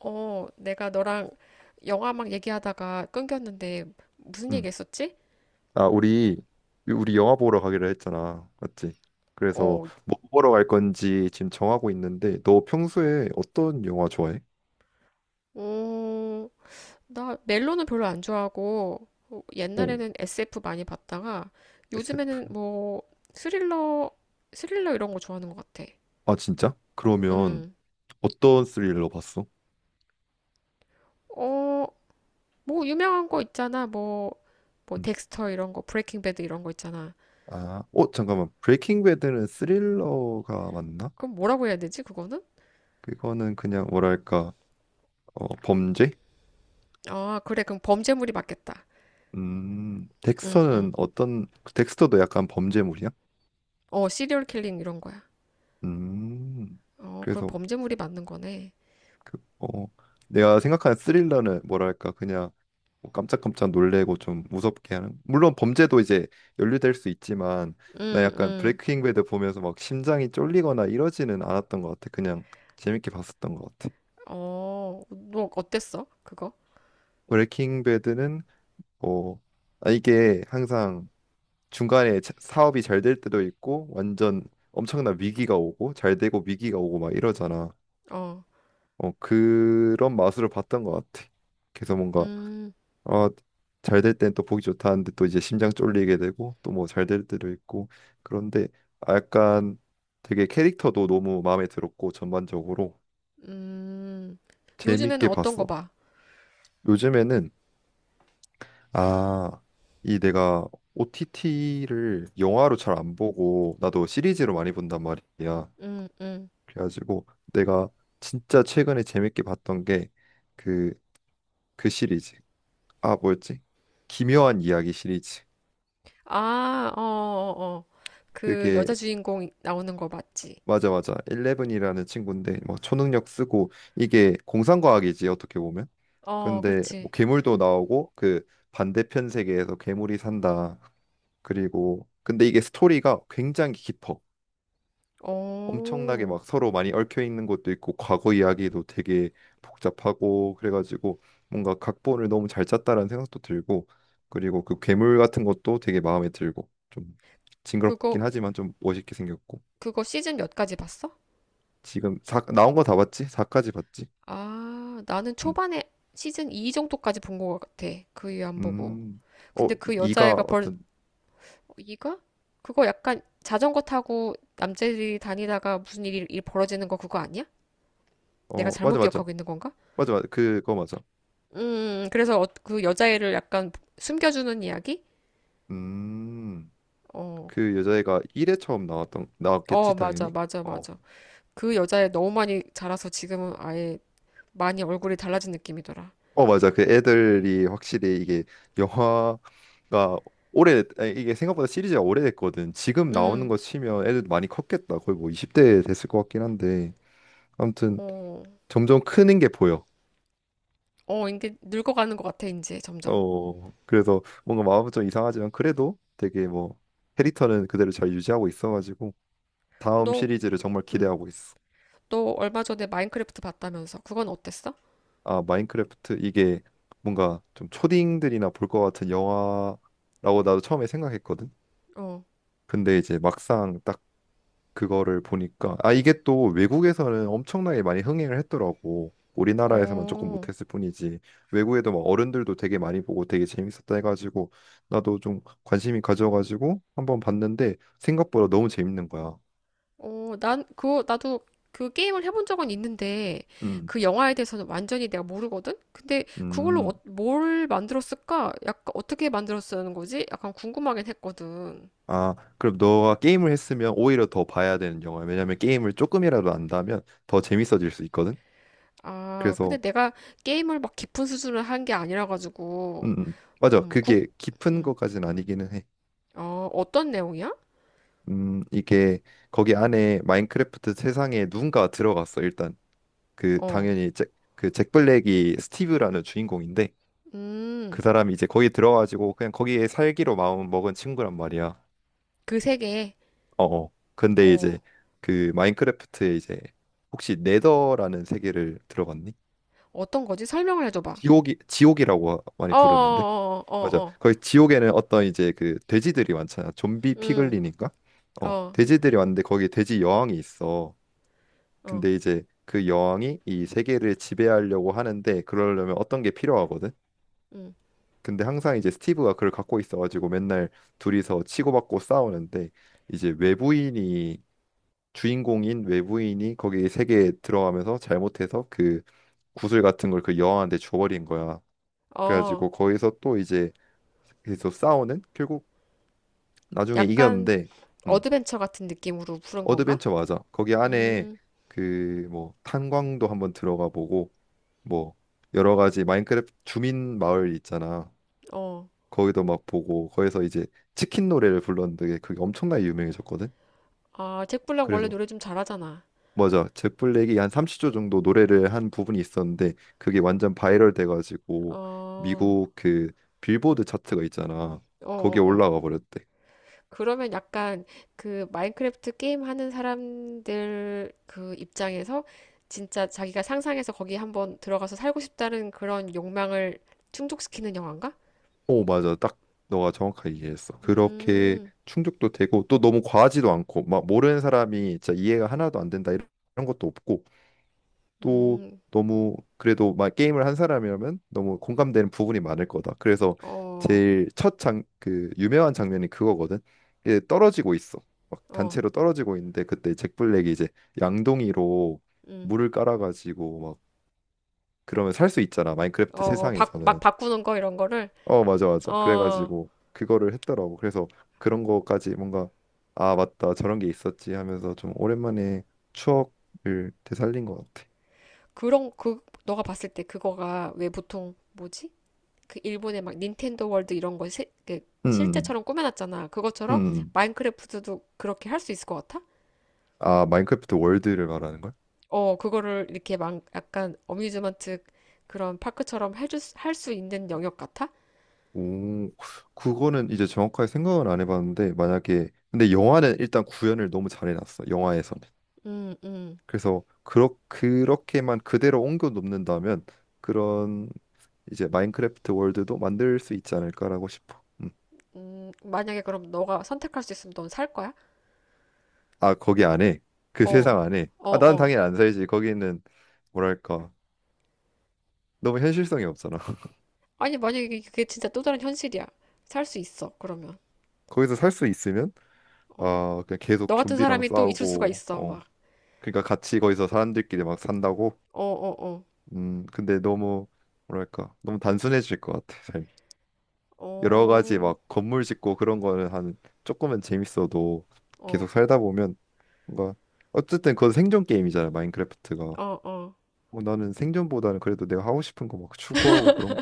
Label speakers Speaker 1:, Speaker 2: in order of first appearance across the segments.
Speaker 1: 내가 너랑 영화 막 얘기하다가 끊겼는데 무슨 얘기
Speaker 2: 음.
Speaker 1: 했었지?
Speaker 2: 아, 우리 영화 보러 가기로 했잖아. 맞지? 그래서
Speaker 1: 어,
Speaker 2: 뭐 보러 갈 건지 지금 정하고 있는데 너 평소에 어떤 영화 좋아해?
Speaker 1: 어, 나 멜로는 별로 안 좋아하고
Speaker 2: 어.
Speaker 1: 옛날에는 SF 많이 봤다가
Speaker 2: SF.
Speaker 1: 요즘에는 뭐 스릴러, 스릴러 이런 거 좋아하는 것 같아.
Speaker 2: 아, 진짜? 그러면
Speaker 1: 음,
Speaker 2: 어떤 스릴러 봤어?
Speaker 1: 어, 뭐 유명한 거 있잖아. 뭐
Speaker 2: 음.
Speaker 1: 덱스터 이런 거, 브레이킹 배드 이런 거 있잖아.
Speaker 2: 아, 잠깐만. 브레이킹 배드는 스릴러가 맞나?
Speaker 1: 그럼 뭐라고 해야 되지, 그거는?
Speaker 2: 그거는 그냥 뭐랄까? 범죄?
Speaker 1: 아, 그래. 그럼 범죄물이 맞겠다.
Speaker 2: 음.
Speaker 1: 응, 응.
Speaker 2: 덱스터는 어떤, 덱스터도 약간 범죄물이야?
Speaker 1: 시리얼 킬링 이런 거야.
Speaker 2: 음.
Speaker 1: 그럼
Speaker 2: 그래서
Speaker 1: 범죄물이 맞는 거네.
Speaker 2: 그, 내가 생각하는 스릴러는 뭐랄까 그냥 뭐 깜짝깜짝 놀래고 좀 무섭게 하는, 물론 범죄도 이제 연루될 수 있지만, 나
Speaker 1: 음.
Speaker 2: 약간
Speaker 1: 음.
Speaker 2: 브레이킹 배드 보면서 막 심장이 쫄리거나 이러지는 않았던 것 같아, 그냥 재밌게 봤었던 것 같아.
Speaker 1: 너 어땠어? 그거?
Speaker 2: 브레이킹 배드는 뭐, 아, 이게 항상 중간에 사업이 잘 될 때도 있고 완전 엄청난 위기가 오고 잘 되고 위기가 오고 막 이러잖아.
Speaker 1: 어.
Speaker 2: 그런 맛으로 봤던 것 같아. 그래서 뭔가,
Speaker 1: 음.
Speaker 2: 어, 잘 될 땐 또 보기 좋다는데 또 이제 심장 쫄리게 되고 또 뭐 잘 될 때도 있고 그런데, 아, 약간 되게 캐릭터도 너무 마음에 들었고 전반적으로
Speaker 1: 음. 요즘에는
Speaker 2: 재밌게
Speaker 1: 어떤 거
Speaker 2: 봤어.
Speaker 1: 봐?
Speaker 2: 요즘에는, 아, 이 내가 OTT를 영화로 잘 안 보고 나도 시리즈로 많이 본단 말이야.
Speaker 1: 음. 음.
Speaker 2: 그래가지고 내가 진짜 최근에 재밌게 봤던 게 그 그 시리즈. 아, 뭐였지? 기묘한 이야기 시리즈.
Speaker 1: 아. 어. 어. 어. 그
Speaker 2: 그게
Speaker 1: 여자 주인공 나오는 거 맞지?
Speaker 2: 맞아, 맞아. 레븐이라는 친구인데, 뭐 초능력 쓰고 이게 공상과학이지, 어떻게 보면.
Speaker 1: 어,
Speaker 2: 근데
Speaker 1: 그렇지.
Speaker 2: 뭐 괴물도 나오고 그 반대편 세계에서 괴물이 산다. 그리고 근데 이게 스토리가 굉장히 깊어. 엄청나게
Speaker 1: 어,
Speaker 2: 막 서로 많이 얽혀 있는 것도 있고 과거 이야기도 되게 복잡하고 그래가지고 뭔가 각본을 너무 잘 짰다라는 생각도 들고, 그리고 그 괴물 같은 것도 되게 마음에 들고 좀 징그럽긴
Speaker 1: 그거,
Speaker 2: 하지만 좀 멋있게 생겼고.
Speaker 1: 그거 시즌 몇까지 봤어?
Speaker 2: 지금 사 나온 거 다 봤지? 4까지 봤지?
Speaker 1: 아, 나는
Speaker 2: 음,
Speaker 1: 초반에 시즌 2 정도까지 본 거 같아. 그 이후 안 보고.
Speaker 2: 음. 어,
Speaker 1: 근데 그
Speaker 2: 이가
Speaker 1: 여자애가 벌써
Speaker 2: 어떤,
Speaker 1: 뭐 이거? 그거 약간 자전거 타고 남자들이 다니다가 무슨 일이 일 벌어지는 거 그거 아니야? 내가
Speaker 2: 어,
Speaker 1: 잘못
Speaker 2: 맞아, 맞아.
Speaker 1: 기억하고 있는 건가?
Speaker 2: 맞아, 맞아. 그거 맞아.
Speaker 1: 그래서 그 여자애를 약간 숨겨주는 이야기?
Speaker 2: 음,
Speaker 1: 어,
Speaker 2: 그 여자애가 1회 처음 나왔던,
Speaker 1: 어,
Speaker 2: 나왔겠지,
Speaker 1: 맞아,
Speaker 2: 당연히.
Speaker 1: 맞아,
Speaker 2: 어,
Speaker 1: 맞아. 그 여자애 너무 많이 자라서 지금은 아예 많이 얼굴이 달라진 느낌이더라.
Speaker 2: 어, 맞아. 그 애들이 확실히 이게 영화가 오래, 아니, 이게 생각보다 시리즈가 오래됐거든. 지금 나오는
Speaker 1: 음,
Speaker 2: 거 치면 애들 많이 컸겠다. 거의 뭐 20대 됐을 것 같긴 한데. 아무튼
Speaker 1: 어,
Speaker 2: 점점 크는 게 보여.
Speaker 1: 어, 이게 늙어가는 것 같아, 이제 점점.
Speaker 2: 어, 그래서 뭔가 마음은 좀 이상하지만 그래도 되게 뭐 캐릭터는 그대로 잘 유지하고 있어가지고 다음
Speaker 1: 너,
Speaker 2: 시리즈를 정말
Speaker 1: 음,
Speaker 2: 기대하고 있어.
Speaker 1: 너 얼마 전에 마인크래프트 봤다면서. 그건 어땠어?
Speaker 2: 아, 마인크래프트, 이게 뭔가 좀 초딩들이나 볼 것 같은 영화라고 나도 처음에 생각했거든.
Speaker 1: 어.
Speaker 2: 근데 이제 막상 딱 그거를 보니까, 아, 이게 또 외국에서는 엄청나게 많이 흥행을 했더라고. 우리나라에서만 조금
Speaker 1: 어.
Speaker 2: 못했을 뿐이지 외국에도 막 어른들도 되게 많이 보고 되게 재밌었다 해가지고 나도 좀 관심이 가져가지고 한번 봤는데 생각보다 너무 재밌는 거야.
Speaker 1: 난 그거 나도 그 게임을 해본 적은 있는데
Speaker 2: 음,
Speaker 1: 그 영화에 대해서는 완전히 내가 모르거든. 근데 그걸로
Speaker 2: 음.
Speaker 1: 뭘 만들었을까? 약간 어떻게 만들었다는 거지? 약간 궁금하긴 했거든.
Speaker 2: 아, 그럼 너가 게임을 했으면 오히려 더 봐야 되는 영화야. 왜냐면 게임을 조금이라도 안다면 더 재밌어질 수 있거든.
Speaker 1: 아, 근데
Speaker 2: 그래서.
Speaker 1: 내가 게임을 막 깊은 수준을 한 게 아니라 가지고.
Speaker 2: 맞아.
Speaker 1: 음, 구,
Speaker 2: 그게 깊은
Speaker 1: 음,
Speaker 2: 것까지는 아니기는 해.
Speaker 1: 어떤 내용이야?
Speaker 2: 이게 거기 안에 마인크래프트 세상에 누군가 들어갔어. 일단 그
Speaker 1: 어,
Speaker 2: 당연히 잭, 그잭 블랙이 스티브라는 주인공인데,
Speaker 1: 음,
Speaker 2: 그 사람이 이제 거기 들어가지고 그냥 거기에 살기로 마음 먹은 친구란 말이야.
Speaker 1: 그 세계,
Speaker 2: 어, 어. 근데
Speaker 1: 어,
Speaker 2: 이제 그 마인크래프트에, 이제 혹시 네더라는 세계를 들어봤니?
Speaker 1: 어떤 거지? 설명을 해줘봐.
Speaker 2: 지옥이, 지옥이라고
Speaker 1: 어.
Speaker 2: 많이 부르는데.
Speaker 1: 어. 어. 어.
Speaker 2: 맞아,
Speaker 1: 어.
Speaker 2: 거기 지옥에는 어떤 이제 그 돼지들이 많잖아, 좀비
Speaker 1: 음.
Speaker 2: 피글린인가
Speaker 1: 어.
Speaker 2: 돼지들이 왔는데 거기 돼지 여왕이 있어.
Speaker 1: 어.
Speaker 2: 근데 이제 그 여왕이 이 세계를 지배하려고 하는데 그러려면 어떤 게 필요하거든.
Speaker 1: 음.
Speaker 2: 근데 항상 이제 스티브가 그걸 갖고 있어가지고 맨날 둘이서 치고받고 싸우는데, 이제 외부인이, 주인공인 외부인이 거기 세계에 들어가면서 잘못해서 그 구슬 같은 걸 그 여왕한테 줘버린 거야.
Speaker 1: 어.
Speaker 2: 그래가지고 거기서 또 이제, 그래서 싸우는, 결국 나중에
Speaker 1: 약간
Speaker 2: 이겼는데. 음,
Speaker 1: 어드벤처 같은 느낌으로 부른 건가?
Speaker 2: 어드벤처 맞아. 거기 안에
Speaker 1: 음.
Speaker 2: 그 뭐 탄광도 한번 들어가 보고, 뭐 여러 가지 마인크래프트 주민 마을 있잖아.
Speaker 1: 어.
Speaker 2: 거기도 막 보고 거기서 이제 치킨 노래를 불렀는데 그게 엄청나게 유명해졌거든.
Speaker 1: 아, 잭 블랙 원래
Speaker 2: 그래서
Speaker 1: 노래 좀 잘하잖아.
Speaker 2: 맞아. 잭 블랙이 한 30초 정도 노래를 한 부분이 있었는데 그게 완전 바이럴 돼가지고
Speaker 1: 어.
Speaker 2: 미국 그 빌보드 차트가 있잖아.
Speaker 1: 어.
Speaker 2: 거기에
Speaker 1: 어. 어.
Speaker 2: 올라가 버렸대.
Speaker 1: 그러면 약간 그 마인크래프트 게임 하는 사람들 그 입장에서 진짜 자기가 상상해서 거기 한번 들어가서 살고 싶다는 그런 욕망을 충족시키는 영화인가?
Speaker 2: 오, 맞아. 딱 너가 정확하게 이해했어. 그렇게
Speaker 1: 음.
Speaker 2: 충족도 되고 또 너무 과하지도 않고 막 모르는 사람이 진짜 이해가 하나도 안 된다, 이런 것도 없고. 또
Speaker 1: 음.
Speaker 2: 너무 그래도 막 게임을 한 사람이라면 너무 공감되는 부분이 많을 거다. 그래서
Speaker 1: 어.
Speaker 2: 제일 첫 장, 그 유명한 장면이 그거거든. 이게 떨어지고 있어. 막
Speaker 1: 어.
Speaker 2: 단체로 떨어지고 있는데 그때 잭 블랙이 이제 양동이로
Speaker 1: 음.
Speaker 2: 물을 깔아가지고, 막 그러면 살 수 있잖아, 마인크래프트
Speaker 1: 어. 막
Speaker 2: 세상에서는.
Speaker 1: 바꾸는 거 이런 거를,
Speaker 2: 어, 맞아, 맞아.
Speaker 1: 어,
Speaker 2: 그래가지고 그거를 했더라고. 그래서 그런 거까지 뭔가, 아, 맞다. 저런 게 있었지 하면서 좀 오랜만에 추억을 되살린 것 같아.
Speaker 1: 그런 그 너가 봤을 때 그거가 왜 보통 뭐지? 그 일본의 막 닌텐도 월드 이런 거 그
Speaker 2: 음,
Speaker 1: 실제처럼 꾸며놨잖아. 그것처럼
Speaker 2: 음.
Speaker 1: 마인크래프트도 그렇게 할 수 있을 것 같아?
Speaker 2: 아, 마인크래프트 월드를 말하는 거야?
Speaker 1: 그거를 이렇게 막 약간 어뮤즈먼트 그런 파크처럼 해줄 할수 있는 영역 같아?
Speaker 2: 오, 그거는 이제 정확하게 생각은 안 해봤는데, 만약에, 근데 영화는 일단 구현을 너무 잘해놨어. 영화에서는.
Speaker 1: 음. 음.
Speaker 2: 그래서 그렇게만 그대로 옮겨 놓는다면 그런 이제 마인크래프트 월드도 만들 수 있지 않을까라고 싶어. 음.
Speaker 1: 음. 만약에 그럼 너가 선택할 수 있으면 넌 살 거야?
Speaker 2: 아, 거기 안에, 그 세상
Speaker 1: 어.
Speaker 2: 안에,
Speaker 1: 어.
Speaker 2: 아, 난
Speaker 1: 어.
Speaker 2: 당연히 안 살지. 거기는 뭐랄까 너무 현실성이 없잖아.
Speaker 1: 아니, 만약에 그게 진짜 또 다른 현실이야. 살 수 있어, 그러면.
Speaker 2: 거기서 살 수 있으면,
Speaker 1: 어.
Speaker 2: 아, 그냥
Speaker 1: 너
Speaker 2: 계속
Speaker 1: 같은
Speaker 2: 좀비랑
Speaker 1: 사람이 또 있을 수가
Speaker 2: 싸우고,
Speaker 1: 있어,
Speaker 2: 어.
Speaker 1: 막.
Speaker 2: 그러니까 같이 거기서 사람들끼리 막 산다고.
Speaker 1: 어. 어. 어.
Speaker 2: 근데 너무 뭐랄까, 너무 단순해질 것 같아, 삶이. 여러 가지
Speaker 1: 어.
Speaker 2: 막 건물 짓고 그런 거는 한 조금은 재밌어도,
Speaker 1: 어.
Speaker 2: 계속 살다 보면 뭔가, 어쨌든 그건 생존 게임이잖아, 마인크래프트가.
Speaker 1: 어. 어.
Speaker 2: 뭐 나는 생존보다는 그래도 내가 하고 싶은 거 막 추구하고 그런,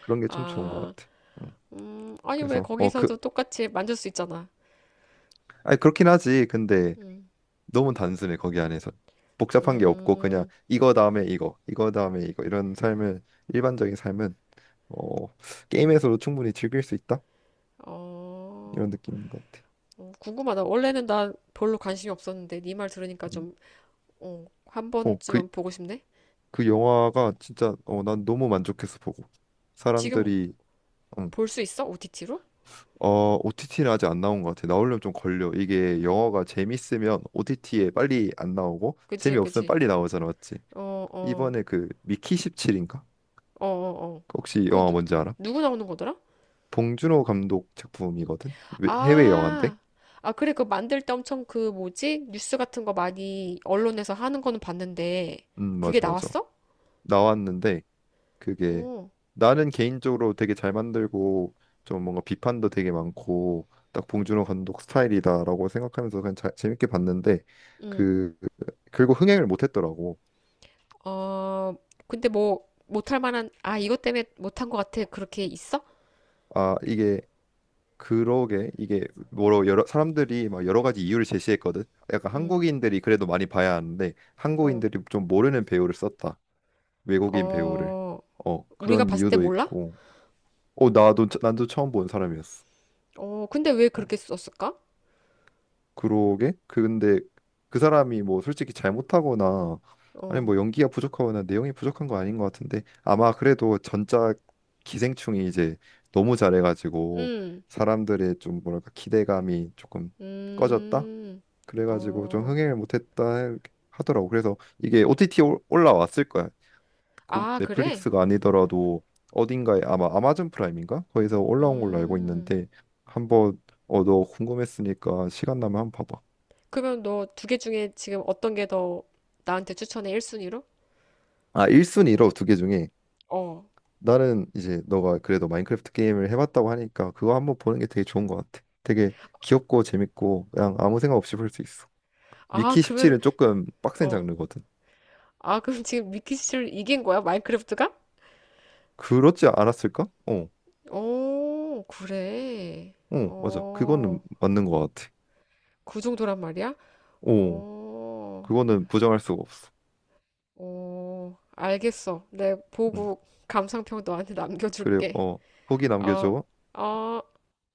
Speaker 2: 그런 게 참 좋은 것
Speaker 1: 아,
Speaker 2: 같아. 응.
Speaker 1: 아니, 왜
Speaker 2: 그래서 그,
Speaker 1: 거기서도 똑같이 만질 수 있잖아.
Speaker 2: 아니 그렇긴 하지. 근데
Speaker 1: 음.
Speaker 2: 너무 단순해, 거기 안에서 복잡한 게 없고 그냥
Speaker 1: 음.
Speaker 2: 이거 다음에 이거, 이거 다음에 이거, 이런 삶을. 일반적인 삶은, 어 게임에서도 충분히 즐길 수 있다,
Speaker 1: 어.
Speaker 2: 이런 느낌인 것 같아.
Speaker 1: 어. 궁금하다. 원래는 나 별로 관심이 없었는데, 네 말 들으니까
Speaker 2: 음.
Speaker 1: 좀, 한
Speaker 2: 어그
Speaker 1: 번쯤은
Speaker 2: 그
Speaker 1: 보고 싶네?
Speaker 2: 그 영화가 진짜, 난 너무 만족해서 보고
Speaker 1: 지금
Speaker 2: 사람들이. 응.
Speaker 1: 볼 수 있어? OTT로?
Speaker 2: 어, OTT는 아직 안 나온 것 같아. 나오려면 좀 걸려. 이게 영화가 재밌으면 OTT에 빨리 안 나오고
Speaker 1: 그치,
Speaker 2: 재미없으면
Speaker 1: 그치.
Speaker 2: 빨리 나오잖아, 맞지?
Speaker 1: 어. 어.
Speaker 2: 이번에 그 미키 17인가?
Speaker 1: 어. 어. 어.
Speaker 2: 혹시 이
Speaker 1: 그
Speaker 2: 영화 뭔지 알아?
Speaker 1: 누구 나오는 거더라?
Speaker 2: 봉준호 감독 작품이거든. 해외 영화인데?
Speaker 1: 아, 아, 그래, 그 만들 때 엄청 그 뭐지? 뉴스 같은 거 많이 언론에서 하는 거는 봤는데, 그게
Speaker 2: 맞아 맞아.
Speaker 1: 나왔어?
Speaker 2: 나왔는데, 그게
Speaker 1: 오,
Speaker 2: 나는 개인적으로 되게 잘 만들고 좀 뭔가 비판도 되게 많고 딱 봉준호 감독 스타일이다라고 생각하면서 그냥 재밌게 봤는데,
Speaker 1: 응.
Speaker 2: 그 결국 흥행을 못 했더라고.
Speaker 1: 어, 근데 뭐, 못할 만한, 아, 이것 때문에 못한 것 같아. 그렇게 있어?
Speaker 2: 아, 이게, 그러게, 이게 뭐로 여러 사람들이 막 여러 가지 이유를 제시했거든. 약간
Speaker 1: 응.
Speaker 2: 한국인들이 그래도 많이 봐야 하는데
Speaker 1: 어.
Speaker 2: 한국인들이 좀 모르는 배우를 썼다. 외국인 배우를.
Speaker 1: 어. 우리가
Speaker 2: 그런
Speaker 1: 봤을 때
Speaker 2: 이유도
Speaker 1: 몰라?
Speaker 2: 있고. 나도 처음 본 사람이었어.
Speaker 1: 어, 근데 왜
Speaker 2: 어,
Speaker 1: 그렇게 썼을까?
Speaker 2: 그러게. 그 근데 그 사람이 뭐 솔직히 잘못하거나, 아니
Speaker 1: 어.
Speaker 2: 뭐 연기가 부족하거나 내용이 부족한 거 아닌 것 같은데, 아마 그래도 전작 기생충이 이제 너무 잘해가지고
Speaker 1: 음.
Speaker 2: 사람들의 좀 뭐랄까 기대감이 조금 꺼졌다,
Speaker 1: 음.
Speaker 2: 그래가지고 좀
Speaker 1: 어.
Speaker 2: 흥행을 못했다 하더라고. 그래서 이게 OTT 올라왔을 거야.
Speaker 1: 아, 그래?
Speaker 2: 넷플릭스가 아니더라도 어딘가에, 아마 아마존 프라임인가? 거기서 올라온 걸로 알고
Speaker 1: 음,
Speaker 2: 있는데. 한번, 너 궁금했으니까 시간 나면 한번 봐봐.
Speaker 1: 그러면 너 두 개 중에 지금 어떤 게 더 나한테 추천해, 1순위로?
Speaker 2: 아, 1순위로 두 개 중에
Speaker 1: 어.
Speaker 2: 나는 이제 너가 그래도 마인크래프트 게임을 해봤다고 하니까 그거 한번 보는 게 되게 좋은 것 같아. 되게 귀엽고 재밌고 그냥 아무 생각 없이 볼 수 있어.
Speaker 1: 아,
Speaker 2: 미키
Speaker 1: 그러면,
Speaker 2: 17은 조금 빡센
Speaker 1: 어.
Speaker 2: 장르거든.
Speaker 1: 아, 그럼 지금 미키씨를 이긴 거야? 마인크래프트가?
Speaker 2: 그렇지 않았을까? 어.
Speaker 1: 오, 그래.
Speaker 2: 어, 맞아. 그거는
Speaker 1: 어,
Speaker 2: 맞는 것 같아.
Speaker 1: 그 정도란 말이야?
Speaker 2: 어,
Speaker 1: 어.
Speaker 2: 그거는 부정할 수가 없어.
Speaker 1: 어. 알겠어. 내
Speaker 2: 응.
Speaker 1: 보고 감상평 너한테
Speaker 2: 그래,
Speaker 1: 남겨줄게.
Speaker 2: 후기
Speaker 1: 어.
Speaker 2: 남겨줘.
Speaker 1: 어.